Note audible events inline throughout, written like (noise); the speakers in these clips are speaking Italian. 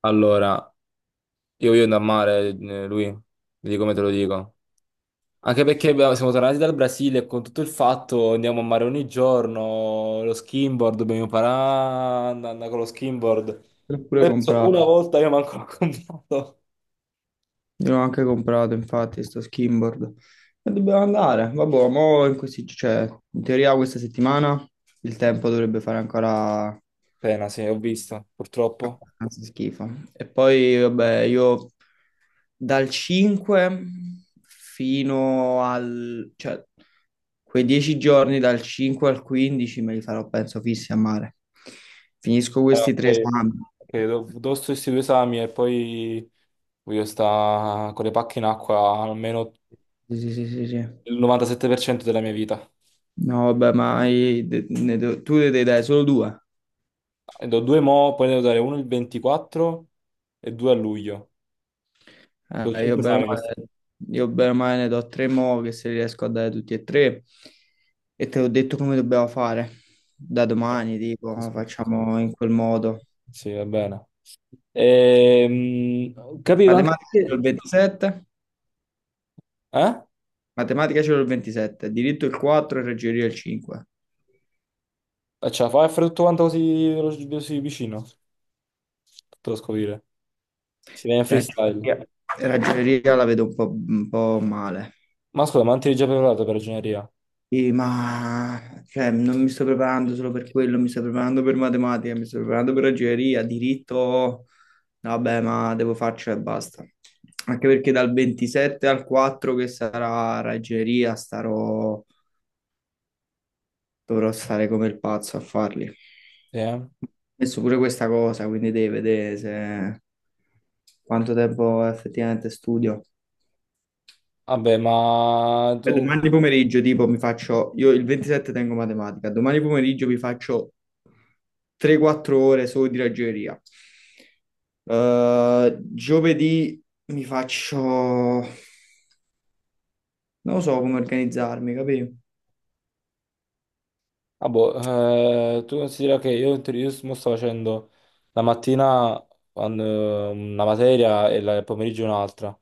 Allora, io voglio andare a mare, lui, vedi come te lo dico. Anche perché abbiamo- siamo tornati dal Brasile e con tutto il fatto andiamo a mare ogni giorno, lo skimboard, dobbiamo imparare ad andare con lo skimboard. L'ho pure Penso una comprato, volta io manco l'ho (laughs) comprato. io l'ho anche comprato, infatti, sto skimboard. E dobbiamo andare, vabbè, mo in questi, cioè, in teoria questa settimana il tempo dovrebbe fare ancora Pena, sì, ho visto, purtroppo. abbastanza schifo. E poi vabbè, io dal 5 fino al, cioè, quei 10 giorni dal 5 al 15 me li farò penso fissi a mare, finisco questi tre Ok, esami. ok, do sto questi due esami e poi voglio stare con le pacche in acqua almeno Sì sì sì sì, sì. il 97% della mia vita. No, vabbè, ma tu ne dai solo due. Ne do due mo, poi ne devo dare uno il 24 e due a luglio. Sono Eh, io cinque bene esami o Madonna. Questi. male, io bene o male ne do tre, mo che se riesco a dare tutti e tre. E te l'ho detto come dobbiamo fare. Da Eh, domani, tipo, Sì, sì, sì. facciamo in quel modo. Sì, va bene. Capivo anche Matematica c'è il che... 27, eh? matematica c'è il 27, diritto il 4 e ragioneria il 5. Ce la fai a fare tutto quanto così, velo- così vicino? Tutto da scoprire. Si viene freestyle. Ragioneria, ragioneria la vedo un po' male. Ma scusa, ma non ti eri già preparato per ragioneria? Sì, ma cioè, non mi sto preparando solo per quello, mi sto preparando per matematica, mi sto preparando per ragioneria, diritto, vabbè, ma devo farcela e basta. Anche perché dal 27 al 4 che sarà ragioneria, starò, dovrò stare come il pazzo a farli. Ho Sì, eh? messo pure questa cosa, quindi devi vedere se... quanto tempo effettivamente studio. Vabbè, ma E tu domani pomeriggio, tipo, mi faccio, io il 27 tengo matematica, domani pomeriggio mi faccio 3-4 ore solo di ragioneria. Giovedì mi faccio, non lo so come organizzarmi, capito? ah boh, tu considera che io, in teoria- io mo sto facendo la mattina quando- una materia e la- il pomeriggio un'altra,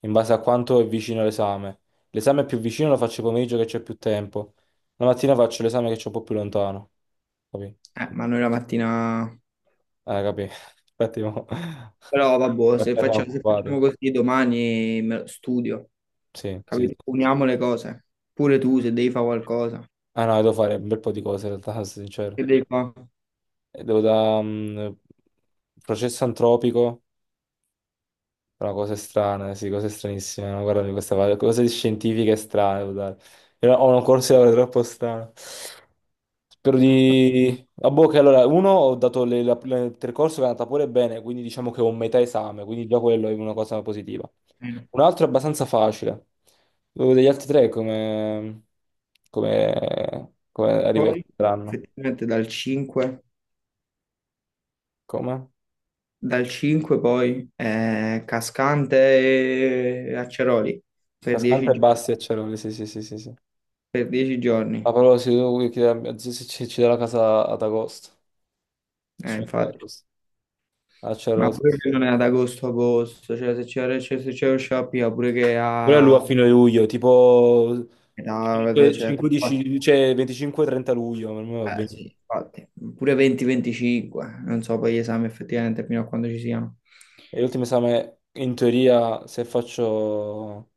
in base a quanto è vicino l'esame. L'esame più vicino lo faccio il pomeriggio che c'è più tempo, la mattina faccio l'esame che c'è un po' più lontano. Capì? Ma noi la mattina, Capì? (laughs) Infatti, mo- però vabbè, se perché siamo facciamo, se occupati. facciamo così domani studio, Sì, sì, capito? sì, sì. Uniamo le cose, pure tu se devi fare qualcosa, Ah no, devo fare un bel po' di cose in realtà, (laughs) sono sincero. che devi fare? E devo da processo antropico. Però cose strane, sì, cose stranissime. No? Guardami questa parte, cose scientifiche strane, guarda. Io ho un corso di laurea troppo strano. Spero di... A bocca, allora, uno, ho dato le- la- la- il percorso che è andata pure bene, quindi diciamo che ho un metà esame, quindi già quello è una cosa positiva. No. Un altro è abbastanza facile. Dove degli altri tre come... come... come E poi, arriveranno? effettivamente, dal 5. Come? Dal 5 poi Cascante e Acceroli per Cascante 10 e giorni. Basti e Ceroli, sì, sì, sì, sì, sì. Per 10 giorni, Ma però se, devo chiedere a mia zia se ci, ci dà la casa ad agosto. Infatti. Sfondacci. Ma Acerrosso. pure che non è ad agosto, agosto, cioè se c'è, cioè, se c'è lo shopping, pure che Quello è lui a a... fine luglio, tipo 5, cioè, 15, cioè 25-30 luglio, per me va bene. sì, infatti. Pure 20-25, non so poi gli esami effettivamente fino a quando ci siano. E l'ultimo esame, in teoria, se faccio,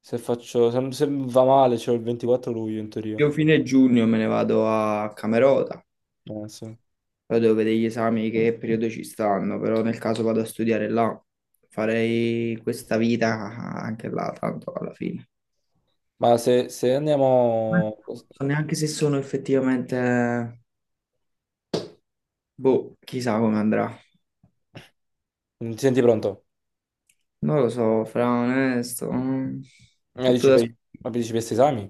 se faccio, se, se va male, c'è il 24 luglio, in teoria. Io fine giugno me ne vado a Camerota. Sì. Poi devo vedere gli esami che periodo ci stanno, però nel caso vado a studiare là, farei questa vita anche là, tanto alla fine. Ma se, se Non andiamo... so neanche se sono effettivamente, boh, chissà come andrà. Ti senti pronto? Non lo so, fra onesto, Ma tutto dici da... per, ma dici per questi esami?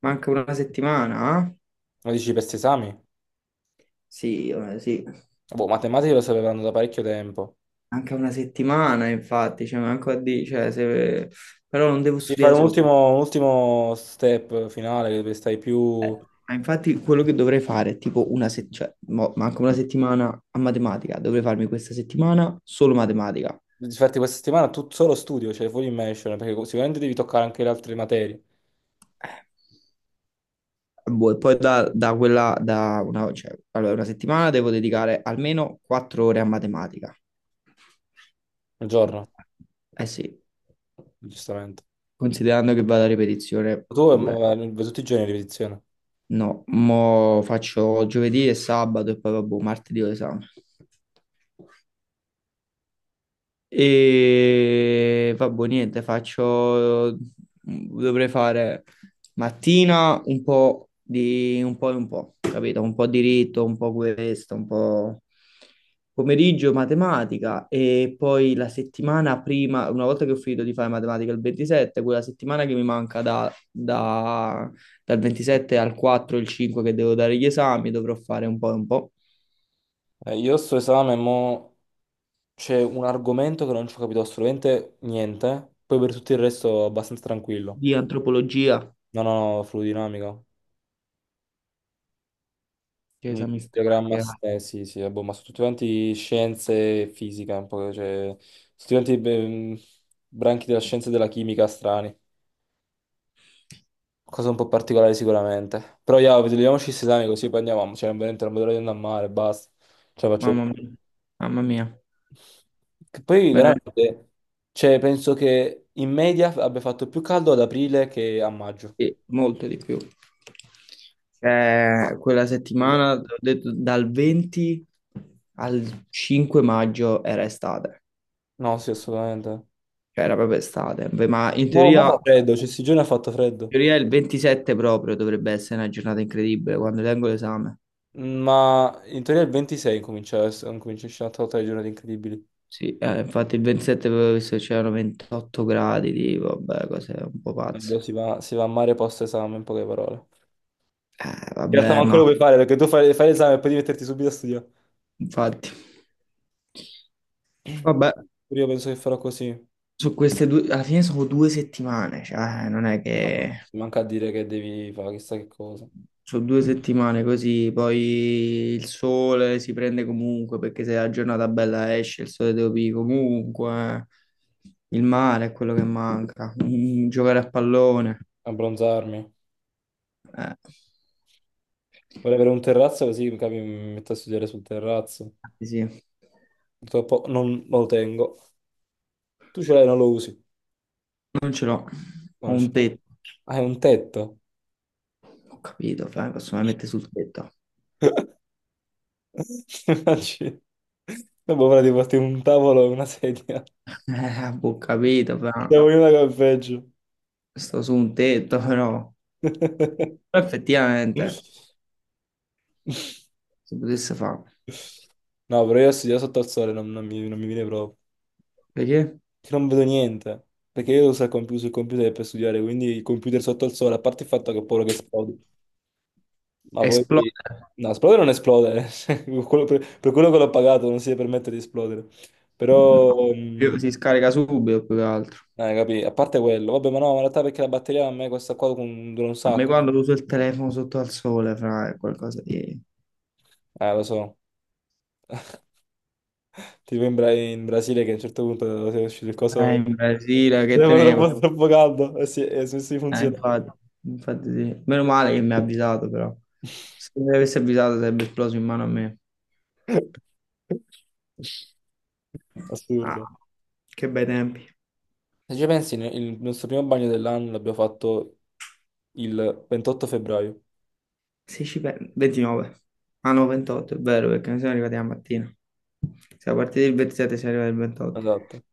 Manca una settimana, eh? Ma dici per questi esami? Sì, sì. Boh, matematica lo sapevano da parecchio tempo. Anche una settimana, infatti, cioè, manco a dire, cioè, se... però non devo Devi fare studiare solo. Un ultimo step finale, che stai più... Ma infatti quello che dovrei fare è tipo una settimana, cioè, manca una settimana a matematica, dovrei farmi questa settimana solo matematica. Infatti questa settimana tu solo studio, cioè full immersion, perché sicuramente devi toccare anche le altre materie Eh, boh, e poi da quella, da una, cioè, allora, una settimana devo dedicare almeno 4 ore a matematica. nel giorno, Eh sì, giustamente. considerando che vado a ripetizione Tu pure. Ma- tutti i giorni di ripetizione. No, mo faccio giovedì e sabato e poi vabbè, martedì ho esame. E vabbè, niente, faccio, dovrei fare mattina un po' di un po' e un po', capito? Un po' di diritto, un po' questo, un po' pomeriggio matematica e poi la settimana prima, una volta che ho finito di fare matematica il 27, quella settimana che mi manca dal 27 al 4, il 5 che devo dare gli esami, dovrò fare un po' e un po' Io sto esame, mo c'è un argomento che non ci ho capito assolutamente niente, poi per tutto il resto abbastanza tranquillo. di antropologia, No, no, no, fluidinamica. che Un esami strani, che diagramma, s- sì, sì, vabbè, ma sono tutti quanti scienze e fisica, un po', cioè, sono tutti quanti beh, branchi della scienza e della chimica strani. Cosa un po' particolare sicuramente. Però io vediamoci questi esami così poi andiamo. Cioè, veramente non vedo l'ora di andare a mare, basta. Ce la faccio mamma più. mia, mamma mia, Che poi veramente veramente, cioè, penso che in media abbia fatto più caldo ad aprile che a maggio. sì, molto di più. Cioè, quella settimana, ho detto, dal 20 al 5 maggio era estate, No, sì, assolutamente. cioè era proprio estate. Beh, ma in No, ma teoria, in fa freddo, cioè, questi giorni ha fatto freddo. teoria il 27 proprio dovrebbe essere una giornata incredibile quando tengo l'esame. Ma in teoria il 26 comincia a essere una totale di giornate incredibili. Sì, infatti il 27 avevo visto che c'erano 28 gradi, tipo, vabbè, cose un po' pazze. Allora si va, si va a mare post esame, in poche parole. In realtà Vabbè, manco ma lo puoi fare perché tu fai, fai l'esame e poi devi metterti subito a studiare. infatti, vabbè. Io penso che farò così. Su queste due, alla fine sono due settimane, cioè non è Ah, boh. che Mi manca a dire che devi fare chissà che cosa. sono due settimane così, poi il sole si prende comunque perché se la giornata bella esce, il sole devo pì comunque, eh. Il mare è quello che manca, giocare a pallone, Abbronzarmi. eh, Vorrei avere un terrazzo così mi capi, mi metto a studiare sul terrazzo. sì, Purtroppo non lo tengo. Tu ce l'hai, non lo usi. non ce l'ho, Ma ho non ce un l'hai. tetto, Hai un tetto. ho capito, fra, mi posso mai mettere sul tetto. (laughs) Immagini. Dopo ora di porti un tavolo e una sedia. (laughs) Eh, ho capito, fra, Siamo in una che è peggio. sto su un tetto però. (laughs) Però effettivamente... si potesse fare. No, però io studiare sotto al sole non, non mi, non mi viene proprio. Perché? Che non vedo niente, perché io devo usare il computer per studiare, quindi il computer sotto al sole, a parte il fatto che ho paura che esplode, ma poi... Esplode. No, esplodere non esplode, (laughs) cioè, quello- per quello che l'ho pagato non si deve permettere di esplodere, No, però... mm, si scarica subito più che altro. Capì, a parte quello, vabbè, ma no, ma in realtà perché la batteria a me questa qua con- dura un A me sacco, quando uso il telefono sotto al sole, fra, è qualcosa di... lo so, tipo in, Bra- in Brasile che a un certo punto è uscito il coso... in Brasile, (laughs) che Era tenevo? troppo caldo, e si funziona. Infatti, infatti sì. Meno male che mi ha avvisato, però. Se mi avesse avvisato sarebbe esploso in mano a me. (laughs) Ah, Assurdo. che bei tempi. Se ci pensi, ne- il nostro primo bagno dell'anno l'abbiamo fatto il 28 febbraio. 16 29. Ah no, 28, è vero, perché noi siamo arrivati la mattina. Siamo partiti il 27, siamo arrivati il 28. Esatto,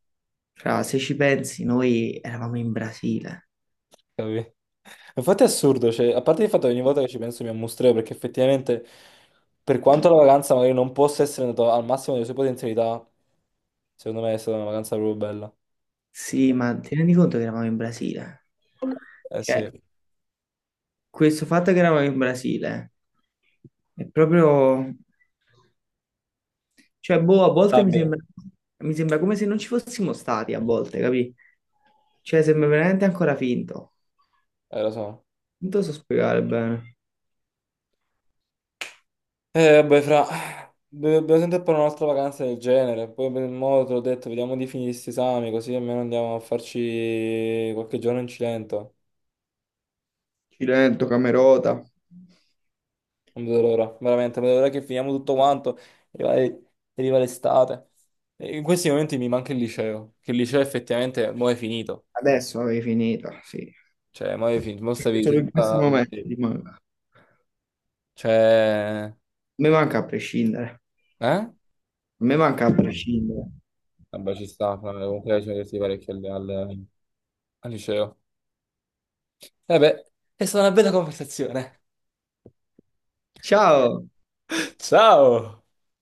Fra, se ci pensi, noi eravamo in Brasile. capì? (laughs) Infatti è assurdo, cioè, a parte il fatto che ogni volta che ci penso mi ammustreo, perché effettivamente, per quanto la vacanza magari non possa essere andata al massimo delle sue potenzialità, secondo me è stata una vacanza proprio bella. Sì, ma ti rendi conto che eravamo in Brasile? Eh sì. Cioè, questo fatto che eravamo in Brasile è proprio... Cioè, boh, a volte mi Sabbia, sembra, mi sembra come se non ci fossimo stati, a volte, capì? Cioè, sembra veramente ancora finto. Lo so. Non so spiegare bene. Vabbè, fra... do- Dobbiamo sempre fare un'altra vacanza del genere. Poi per il modo te l'ho detto, vediamo di finire questi esami, così almeno andiamo a farci qualche giorno in Cilento. Cilento, Camerota. Non vedo l'ora, veramente, non vedo l'ora che finiamo tutto quanto e arriva l'estate. E in questi momenti mi manca il liceo, che il liceo effettivamente mo è finito. Adesso avevi finito, sì. Cioè, mo è finito, mo Perché stavi solo in questi senza... momenti ventire. ti manca. A Cioè... me manca a prescindere. Eh? A me manca a prescindere. Vabbè, ci sta, fra, comunque ci diversi parecchio al, al al liceo. Vabbè, è stata una bella conversazione. Ciao, Ciao!